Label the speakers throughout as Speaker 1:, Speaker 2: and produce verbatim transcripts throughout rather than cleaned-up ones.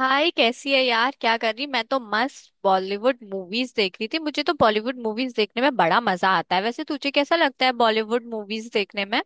Speaker 1: हाय, कैसी है यार? क्या कर रही? मैं तो मस्त बॉलीवुड मूवीज देख रही थी। मुझे तो बॉलीवुड मूवीज देखने में बड़ा मजा आता है। वैसे तुझे कैसा लगता है बॉलीवुड मूवीज देखने में?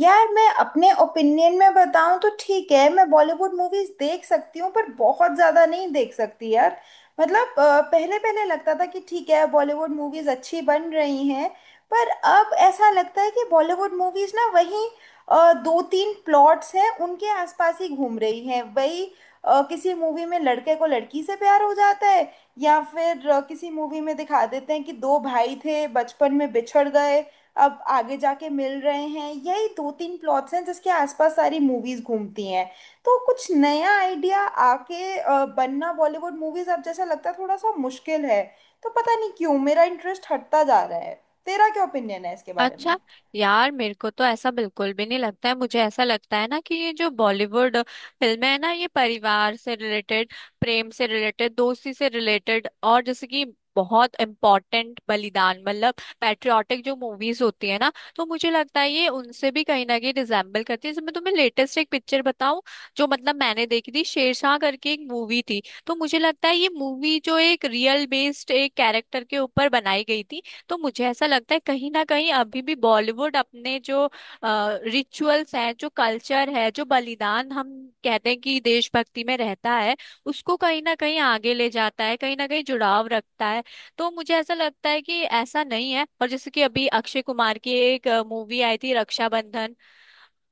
Speaker 2: यार मैं अपने ओपिनियन में बताऊं तो ठीक है। मैं बॉलीवुड मूवीज देख सकती हूँ पर बहुत ज्यादा नहीं देख सकती यार। मतलब पहले पहले लगता था कि ठीक है, बॉलीवुड मूवीज अच्छी बन रही हैं। पर अब ऐसा लगता है कि बॉलीवुड मूवीज ना वही अ, दो तीन प्लॉट्स हैं, उनके आसपास ही घूम रही हैं। वही अ, किसी मूवी में लड़के को लड़की से प्यार हो जाता है, या फिर अ, किसी मूवी में दिखा देते हैं कि दो भाई थे, बचपन में बिछड़ गए, अब आगे जाके मिल रहे हैं। यही दो तीन प्लॉट्स हैं जिसके आसपास सारी मूवीज घूमती हैं। तो कुछ नया आइडिया आके अ, बनना बॉलीवुड मूवीज अब, जैसा लगता है थोड़ा सा मुश्किल है। तो पता नहीं क्यों मेरा इंटरेस्ट हटता जा रहा है। तेरा क्या ओपिनियन है इसके बारे
Speaker 1: अच्छा।
Speaker 2: में?
Speaker 1: यार, मेरे को तो ऐसा बिल्कुल भी नहीं लगता है। मुझे ऐसा लगता है ना कि ये जो बॉलीवुड फिल्में है ना, ये परिवार से रिलेटेड, प्रेम से रिलेटेड, दोस्ती से रिलेटेड, और जैसे कि बहुत इम्पोर्टेंट बलिदान, मतलब पैट्रियाटिक जो मूवीज होती है ना, तो मुझे लगता है ये उनसे भी कहीं ना कहीं रिजेम्बल करती है। जैसे मैं तुम्हें लेटेस्ट एक पिक्चर बताऊं जो मतलब मैंने देखी थी, शेरशाह करके एक मूवी थी। तो मुझे लगता है ये मूवी जो एक रियल बेस्ड एक कैरेक्टर के ऊपर बनाई गई थी, तो मुझे ऐसा लगता है कहीं ना कहीं अभी भी बॉलीवुड अपने जो रिचुअल्स हैं, जो कल्चर है, जो बलिदान हम कहते हैं कि देशभक्ति में रहता है, उसको कहीं ना कहीं आगे ले जाता है, कहीं ना कहीं जुड़ाव रखता है। तो मुझे ऐसा लगता है कि ऐसा नहीं है। और जैसे कि अभी अक्षय कुमार की एक मूवी आई थी रक्षाबंधन,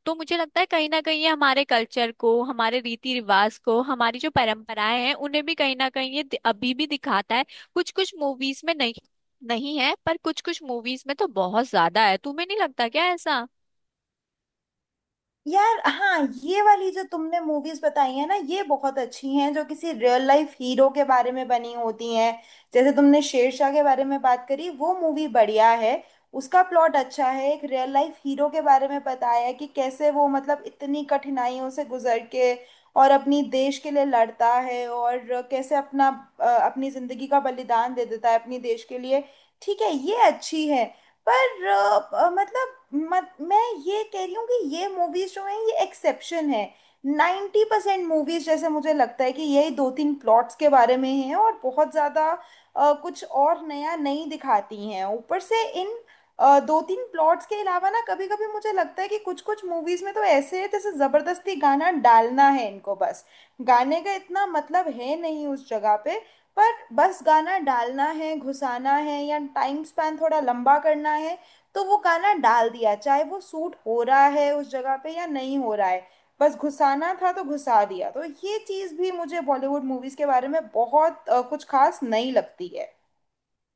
Speaker 1: तो मुझे लगता है कहीं ना कहीं ये हमारे कल्चर को, हमारे रीति रिवाज को, हमारी जो परंपराएं हैं उन्हें भी कहीं ना कहीं ये दि- अभी भी दिखाता है। कुछ कुछ मूवीज में नहीं, नहीं है, पर कुछ कुछ मूवीज में तो बहुत ज्यादा है। तुम्हें नहीं लगता क्या ऐसा?
Speaker 2: यार हाँ, ये वाली जो तुमने मूवीज बताई है ना, ये बहुत अच्छी हैं, जो किसी रियल लाइफ हीरो के बारे में बनी होती हैं। जैसे तुमने शेरशाह के बारे में बात करी, वो मूवी बढ़िया है। उसका प्लॉट अच्छा है, एक रियल लाइफ हीरो के बारे में बताया है कि कैसे वो मतलब इतनी कठिनाइयों से गुजर के और अपनी देश के लिए लड़ता है और कैसे अपना अ, अपनी जिंदगी का बलिदान दे देता है अपनी देश के लिए। ठीक है, ये अच्छी है। पर अ, अ, मतलब मत, मैं ये कह रही हूँ कि ये मूवीज जो हैं ये एक्सेप्शन है। नाइन्टी परसेंट मूवीज, जैसे मुझे लगता है कि यही दो तीन प्लॉट्स के बारे में हैं और बहुत ज़्यादा अ, कुछ और नया नहीं दिखाती हैं। ऊपर से इन अ, दो तीन प्लॉट्स के अलावा ना, कभी कभी मुझे लगता है कि कुछ कुछ मूवीज में तो ऐसे है जैसे ज़बरदस्ती गाना डालना है इनको। बस गाने का इतना मतलब है नहीं उस जगह पे, पर बस गाना डालना है, घुसाना है, या टाइम स्पैन थोड़ा लंबा करना है, तो वो गाना डाल दिया, चाहे वो सूट हो रहा है उस जगह पे या नहीं हो रहा है। बस घुसाना था तो घुसा दिया। तो ये चीज़ भी मुझे बॉलीवुड मूवीज़ के बारे में बहुत अ, कुछ खास नहीं लगती है।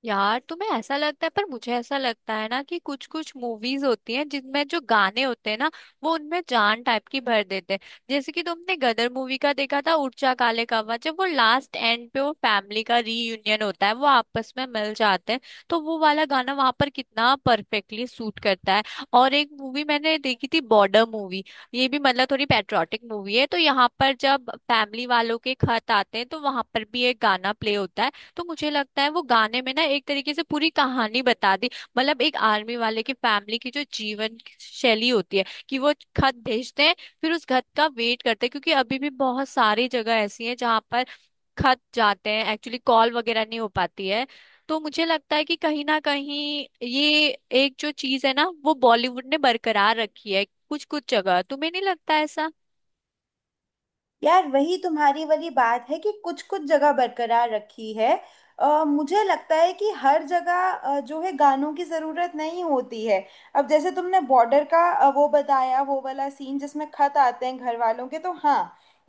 Speaker 1: यार, तुम्हें ऐसा लगता है, पर मुझे ऐसा लगता है ना कि कुछ कुछ मूवीज होती हैं जिनमें जो गाने होते हैं ना, वो उनमें जान टाइप की भर देते हैं। जैसे कि तुमने गदर मूवी का देखा था उड़चा काले कावा, जब वो लास्ट एंड पे वो फैमिली का रीयूनियन होता है, वो आपस में मिल जाते हैं, तो वो वाला गाना वहां पर कितना परफेक्टली सूट करता है। और एक मूवी मैंने देखी थी बॉर्डर मूवी। ये भी मतलब थोड़ी पैट्रियोटिक मूवी है, तो यहाँ पर जब फैमिली वालों के खत आते हैं, तो वहां पर भी एक गाना प्ले होता है। तो मुझे लगता है वो गाने में ना एक तरीके से पूरी कहानी बता दी। मतलब एक आर्मी वाले की फैमिली की जो जीवन शैली होती है कि वो खत भेजते हैं, फिर उस खत का वेट करते हैं, क्योंकि अभी भी बहुत सारी जगह ऐसी हैं जहाँ पर खत जाते हैं, एक्चुअली कॉल वगैरह नहीं हो पाती है। तो मुझे लगता है कि कहीं ना कहीं ये एक जो चीज है ना, वो बॉलीवुड ने बरकरार रखी है कुछ कुछ जगह। तुम्हें नहीं लगता ऐसा?
Speaker 2: यार वही तुम्हारी वाली बात है कि कुछ कुछ जगह बरकरार रखी है। अ, मुझे लगता है कि हर जगह अ, जो है गानों की ज़रूरत नहीं होती है। अब जैसे तुमने बॉर्डर का अ, वो बताया, वो वाला सीन जिसमें खत आते हैं घर वालों के, तो हाँ,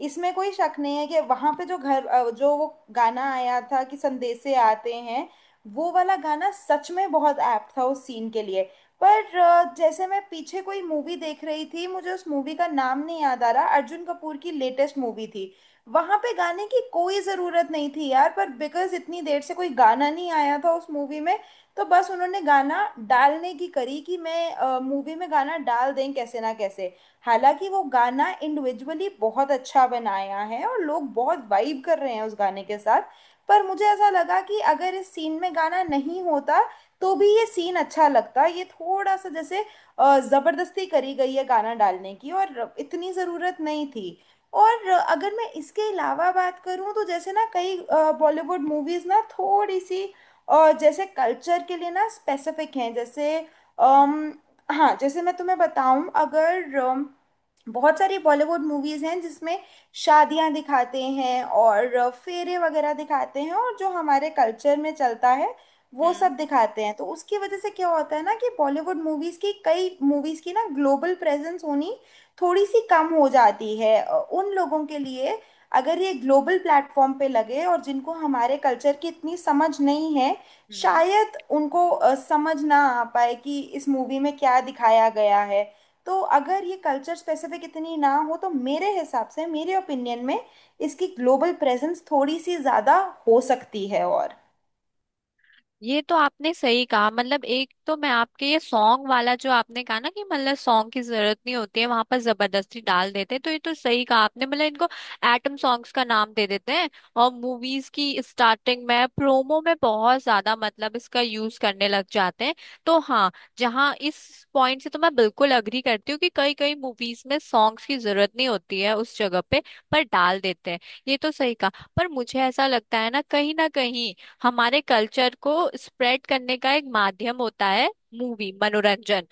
Speaker 2: इसमें कोई शक नहीं है कि वहाँ पे जो घर अ, जो वो गाना आया था कि संदेशे आते हैं, वो वाला गाना सच में बहुत ऐप्ट था उस सीन के लिए। पर अ, जैसे मैं पीछे कोई मूवी देख रही थी, मुझे उस मूवी का नाम नहीं याद आ रहा, अर्जुन कपूर की लेटेस्ट मूवी थी। वहां पे गाने की कोई जरूरत नहीं थी यार, पर बिकॉज इतनी देर से कोई गाना नहीं आया था उस मूवी में, तो बस उन्होंने गाना डालने की करी कि मैं मूवी में गाना डाल दें कैसे ना कैसे। हालांकि वो गाना इंडिविजुअली बहुत अच्छा बनाया है और लोग बहुत वाइब कर रहे हैं उस गाने के साथ। पर मुझे ऐसा लगा कि अगर इस सीन में गाना नहीं होता तो भी ये सीन अच्छा लगता है। ये थोड़ा सा जैसे अ, जबरदस्ती करी गई है गाना डालने की, और इतनी जरूरत नहीं थी। और अ, अगर मैं इसके अलावा बात करूं तो जैसे ना, कई बॉलीवुड मूवीज ना थोड़ी सी अ, जैसे कल्चर के लिए ना स्पेसिफिक हैं। जैसे
Speaker 1: हम्म,
Speaker 2: अम, हाँ, जैसे मैं तुम्हें बताऊं, अगर अम, बहुत सारी बॉलीवुड मूवीज हैं जिसमें शादियां दिखाते हैं और फेरे वगैरह दिखाते हैं, और जो हमारे कल्चर में चलता है वो सब
Speaker 1: हम्म,
Speaker 2: दिखाते हैं। तो उसकी वजह से क्या होता है ना कि बॉलीवुड मूवीज की, कई मूवीज की ना ग्लोबल प्रेजेंस होनी थोड़ी सी कम हो जाती है अ, उन लोगों के लिए अगर ये ग्लोबल प्लेटफॉर्म पे लगे और जिनको हमारे कल्चर की इतनी समझ नहीं है।
Speaker 1: हम्म।
Speaker 2: शायद उनको अ, समझ ना आ पाए कि इस मूवी में क्या दिखाया गया है। तो अगर ये कल्चर स्पेसिफिक इतनी ना हो, तो मेरे हिसाब से, मेरे ओपिनियन में इसकी ग्लोबल प्रेजेंस थोड़ी सी ज़्यादा हो सकती है। और
Speaker 1: ये तो आपने सही कहा। मतलब एक तो मैं आपके ये सॉन्ग वाला जो आपने कहा ना कि मतलब सॉन्ग की जरूरत नहीं होती है वहां पर, जबरदस्ती डाल देते हैं, तो ये तो सही कहा आपने। मतलब इनको एटम सॉन्ग्स का नाम दे देते हैं और मूवीज की स्टार्टिंग में, प्रोमो में बहुत ज्यादा मतलब इसका यूज करने लग जाते हैं। तो हाँ, जहाँ इस पॉइंट से तो मैं बिल्कुल अग्री करती हूँ कि कई कई मूवीज में सॉन्ग्स की जरूरत नहीं होती है उस जगह पे, पर डाल देते हैं। ये तो सही कहा। पर मुझे ऐसा लगता है ना कहीं ना कहीं हमारे कल्चर को स्प्रेड करने का एक माध्यम होता है मूवी, मनोरंजन।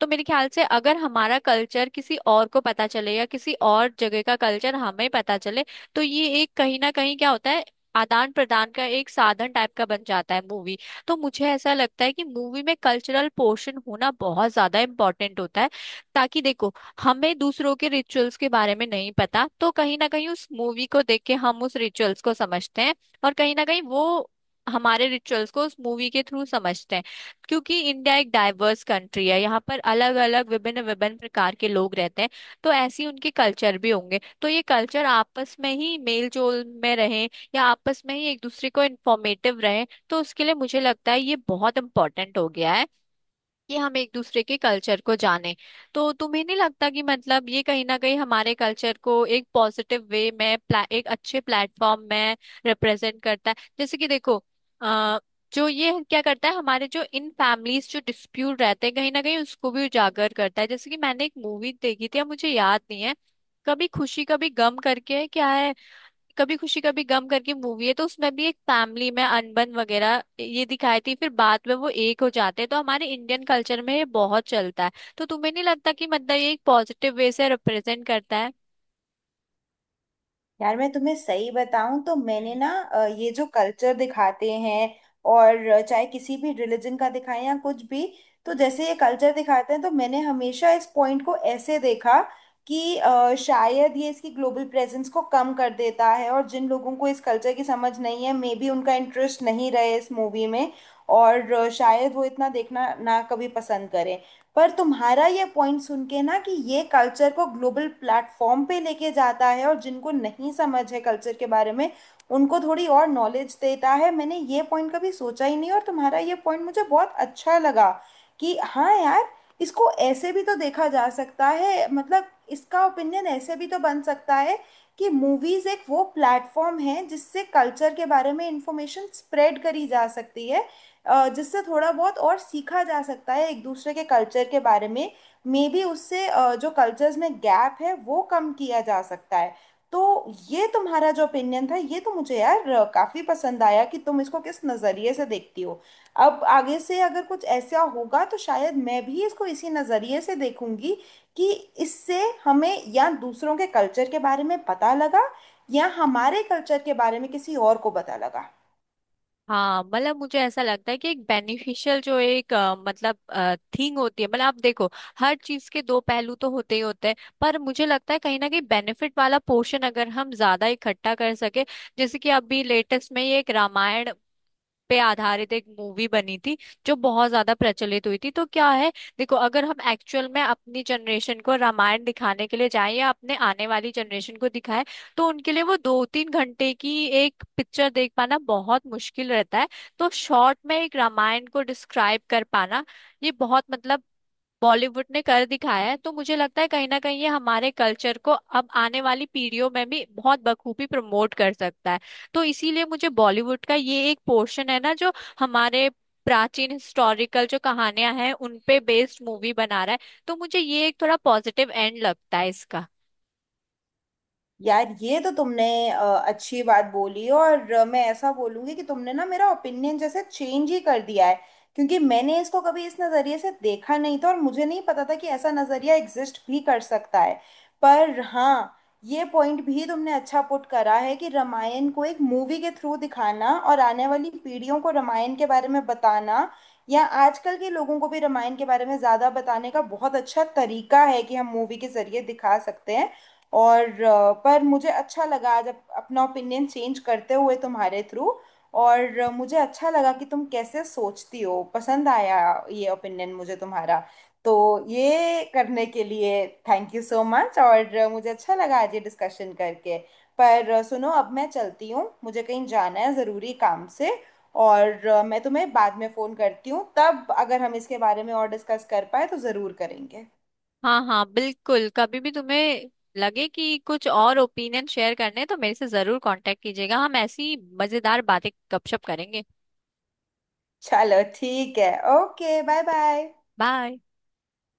Speaker 1: तो मेरे ख्याल से अगर हमारा कल्चर किसी और को पता चले या किसी और जगह का कल्चर हमें पता चले, तो ये एक कहीं ना कहीं क्या होता है, आदान प्रदान का एक साधन टाइप का बन जाता है मूवी। तो मुझे ऐसा लगता है कि मूवी में कल्चरल पोर्शन होना बहुत ज्यादा इम्पोर्टेंट होता है, ताकि देखो, हमें दूसरों के रिचुअल्स के बारे में नहीं पता, तो कहीं ना कहीं उस मूवी को देख के हम उस रिचुअल्स को समझते हैं, और कहीं ना कहीं वो हमारे रिचुअल्स को उस मूवी के थ्रू समझते हैं। क्योंकि इंडिया एक डाइवर्स कंट्री है, यहाँ पर अलग अलग, विभिन्न विभिन्न प्रकार के लोग रहते हैं, तो ऐसे ही उनके कल्चर भी होंगे। तो ये कल्चर आपस में ही मेल जोल में रहे या आपस में ही एक दूसरे को इंफॉर्मेटिव रहे, तो उसके लिए मुझे लगता है ये बहुत इंपॉर्टेंट हो गया है कि हम एक दूसरे के कल्चर को जाने। तो तुम्हें नहीं लगता कि मतलब ये कहीं ना कहीं हमारे कल्चर को एक पॉजिटिव वे में प्ला, एक अच्छे प्लेटफॉर्म में रिप्रेजेंट करता है? जैसे कि देखो, अ, जो ये क्या करता है, हमारे जो इन फैमिलीज जो डिस्प्यूट रहते हैं, कहीं ना कहीं उसको भी उजागर करता है। जैसे कि मैंने एक मूवी देखी थी, अब मुझे याद नहीं है, कभी खुशी कभी गम करके क्या है, कभी खुशी कभी गम करके मूवी है, तो उसमें भी एक फैमिली में अनबन वगैरह ये दिखाई थी, फिर बाद में वो एक हो जाते हैं। तो हमारे इंडियन कल्चर में ये बहुत चलता है। तो तुम्हें नहीं लगता कि मतलब ये एक पॉजिटिव वे से रिप्रेजेंट करता है?
Speaker 2: यार मैं तुम्हें सही बताऊं तो मैंने ना
Speaker 1: हम्म,
Speaker 2: अ, ये जो कल्चर दिखाते हैं और अ, चाहे किसी भी रिलीजन का दिखाएं या कुछ भी, तो
Speaker 1: हम्म।
Speaker 2: जैसे ये कल्चर दिखाते हैं, तो मैंने हमेशा इस पॉइंट को ऐसे देखा कि अ, शायद ये इसकी ग्लोबल प्रेजेंस को कम कर देता है, और जिन लोगों को इस कल्चर की समझ नहीं है, मे बी उनका इंटरेस्ट नहीं रहे इस मूवी में, और अ, शायद वो इतना देखना ना कभी पसंद करें। पर तुम्हारा ये पॉइंट सुन के ना कि ये कल्चर को ग्लोबल प्लेटफॉर्म पे लेके जाता है, और जिनको नहीं समझ है कल्चर के बारे में, उनको थोड़ी और नॉलेज देता है, मैंने ये पॉइंट कभी सोचा ही नहीं, और तुम्हारा ये पॉइंट मुझे बहुत अच्छा लगा कि हाँ यार, इसको ऐसे भी तो देखा जा सकता है। मतलब इसका ओपिनियन ऐसे भी तो बन सकता है कि मूवीज एक वो प्लेटफॉर्म है जिससे कल्चर के बारे में इंफॉर्मेशन स्प्रेड करी जा सकती है, अ, जिससे थोड़ा बहुत और सीखा जा सकता है एक दूसरे के कल्चर के बारे में। मे बी उससे अ, जो कल्चर्स में गैप है वो कम किया जा सकता है। तो ये तुम्हारा जो ओपिनियन था, ये तो मुझे यार अ, काफी पसंद आया कि तुम इसको किस नजरिए से देखती हो। अब आगे से अगर कुछ ऐसा होगा तो शायद मैं भी इसको इसी नजरिए से देखूंगी कि इससे हमें या दूसरों के कल्चर के बारे में पता लगा, या हमारे कल्चर के बारे में किसी और को पता लगा।
Speaker 1: हाँ, मतलब मुझे ऐसा लगता है कि एक बेनिफिशियल जो एक अ, मतलब थिंग होती है। मतलब आप देखो, हर चीज के दो पहलू तो होते ही होते हैं, पर मुझे लगता है कहीं ना कहीं बेनिफिट वाला पोर्शन अगर हम ज्यादा इकट्ठा कर सके। जैसे कि अभी लेटेस्ट में ये एक रामायण पे आधारित एक मूवी बनी थी जो बहुत ज्यादा प्रचलित हुई थी, तो क्या है, देखो, अगर हम एक्चुअल में अपनी जनरेशन को रामायण दिखाने के लिए जाएं या अपने आने वाली जनरेशन को दिखाएं, तो उनके लिए वो दो तीन घंटे की एक पिक्चर देख पाना बहुत मुश्किल रहता है। तो शॉर्ट में एक रामायण को डिस्क्राइब कर पाना, ये बहुत मतलब बॉलीवुड ने कर दिखाया है। तो मुझे लगता है कहीं ना कहीं ये हमारे कल्चर को अब आने वाली पीढ़ियों में भी बहुत बखूबी प्रमोट कर सकता है। तो इसीलिए मुझे बॉलीवुड का ये एक पोर्शन है ना जो हमारे प्राचीन हिस्टोरिकल जो कहानियां हैं उन पे बेस्ड मूवी बना रहा है, तो मुझे ये एक थोड़ा पॉजिटिव एंड लगता है इसका।
Speaker 2: यार ये तो तुमने अ, अच्छी बात बोली, और अ, मैं ऐसा बोलूंगी कि तुमने ना मेरा ओपिनियन जैसे चेंज ही कर दिया है, क्योंकि मैंने इसको कभी इस नज़रिए से देखा नहीं था और मुझे नहीं पता था कि ऐसा नज़रिया एग्जिस्ट भी कर सकता है। पर हाँ, ये पॉइंट भी तुमने अच्छा पुट करा है कि रामायण को एक मूवी के थ्रू दिखाना और आने वाली पीढ़ियों को रामायण के बारे में बताना, या आजकल के लोगों को भी रामायण के बारे में ज़्यादा बताने का बहुत अच्छा तरीका है कि हम मूवी के ज़रिए दिखा सकते हैं। और अ, पर मुझे अच्छा लगा आज अप, अपना ओपिनियन चेंज करते हुए तुम्हारे थ्रू, और अ, मुझे अच्छा लगा कि तुम कैसे सोचती हो, पसंद आया ये ओपिनियन मुझे तुम्हारा। तो ये करने के लिए थैंक यू सो मच, और अ, मुझे अच्छा लगा आज ये डिस्कशन करके। पर अ, सुनो, अब मैं चलती हूँ, मुझे कहीं जाना है ज़रूरी काम से, और अ, मैं तुम्हें बाद में फ़ोन करती हूँ, तब अगर हम इसके बारे में और डिस्कस कर पाए तो ज़रूर करेंगे।
Speaker 1: हाँ हाँ, बिल्कुल। कभी भी तुम्हें लगे कि कुछ और ओपिनियन शेयर करने हैं, तो मेरे से जरूर कांटेक्ट कीजिएगा। हम ऐसी मजेदार बातें, गपशप करेंगे।
Speaker 2: चलो ठीक है, ओके, बाय बाय।
Speaker 1: बाय।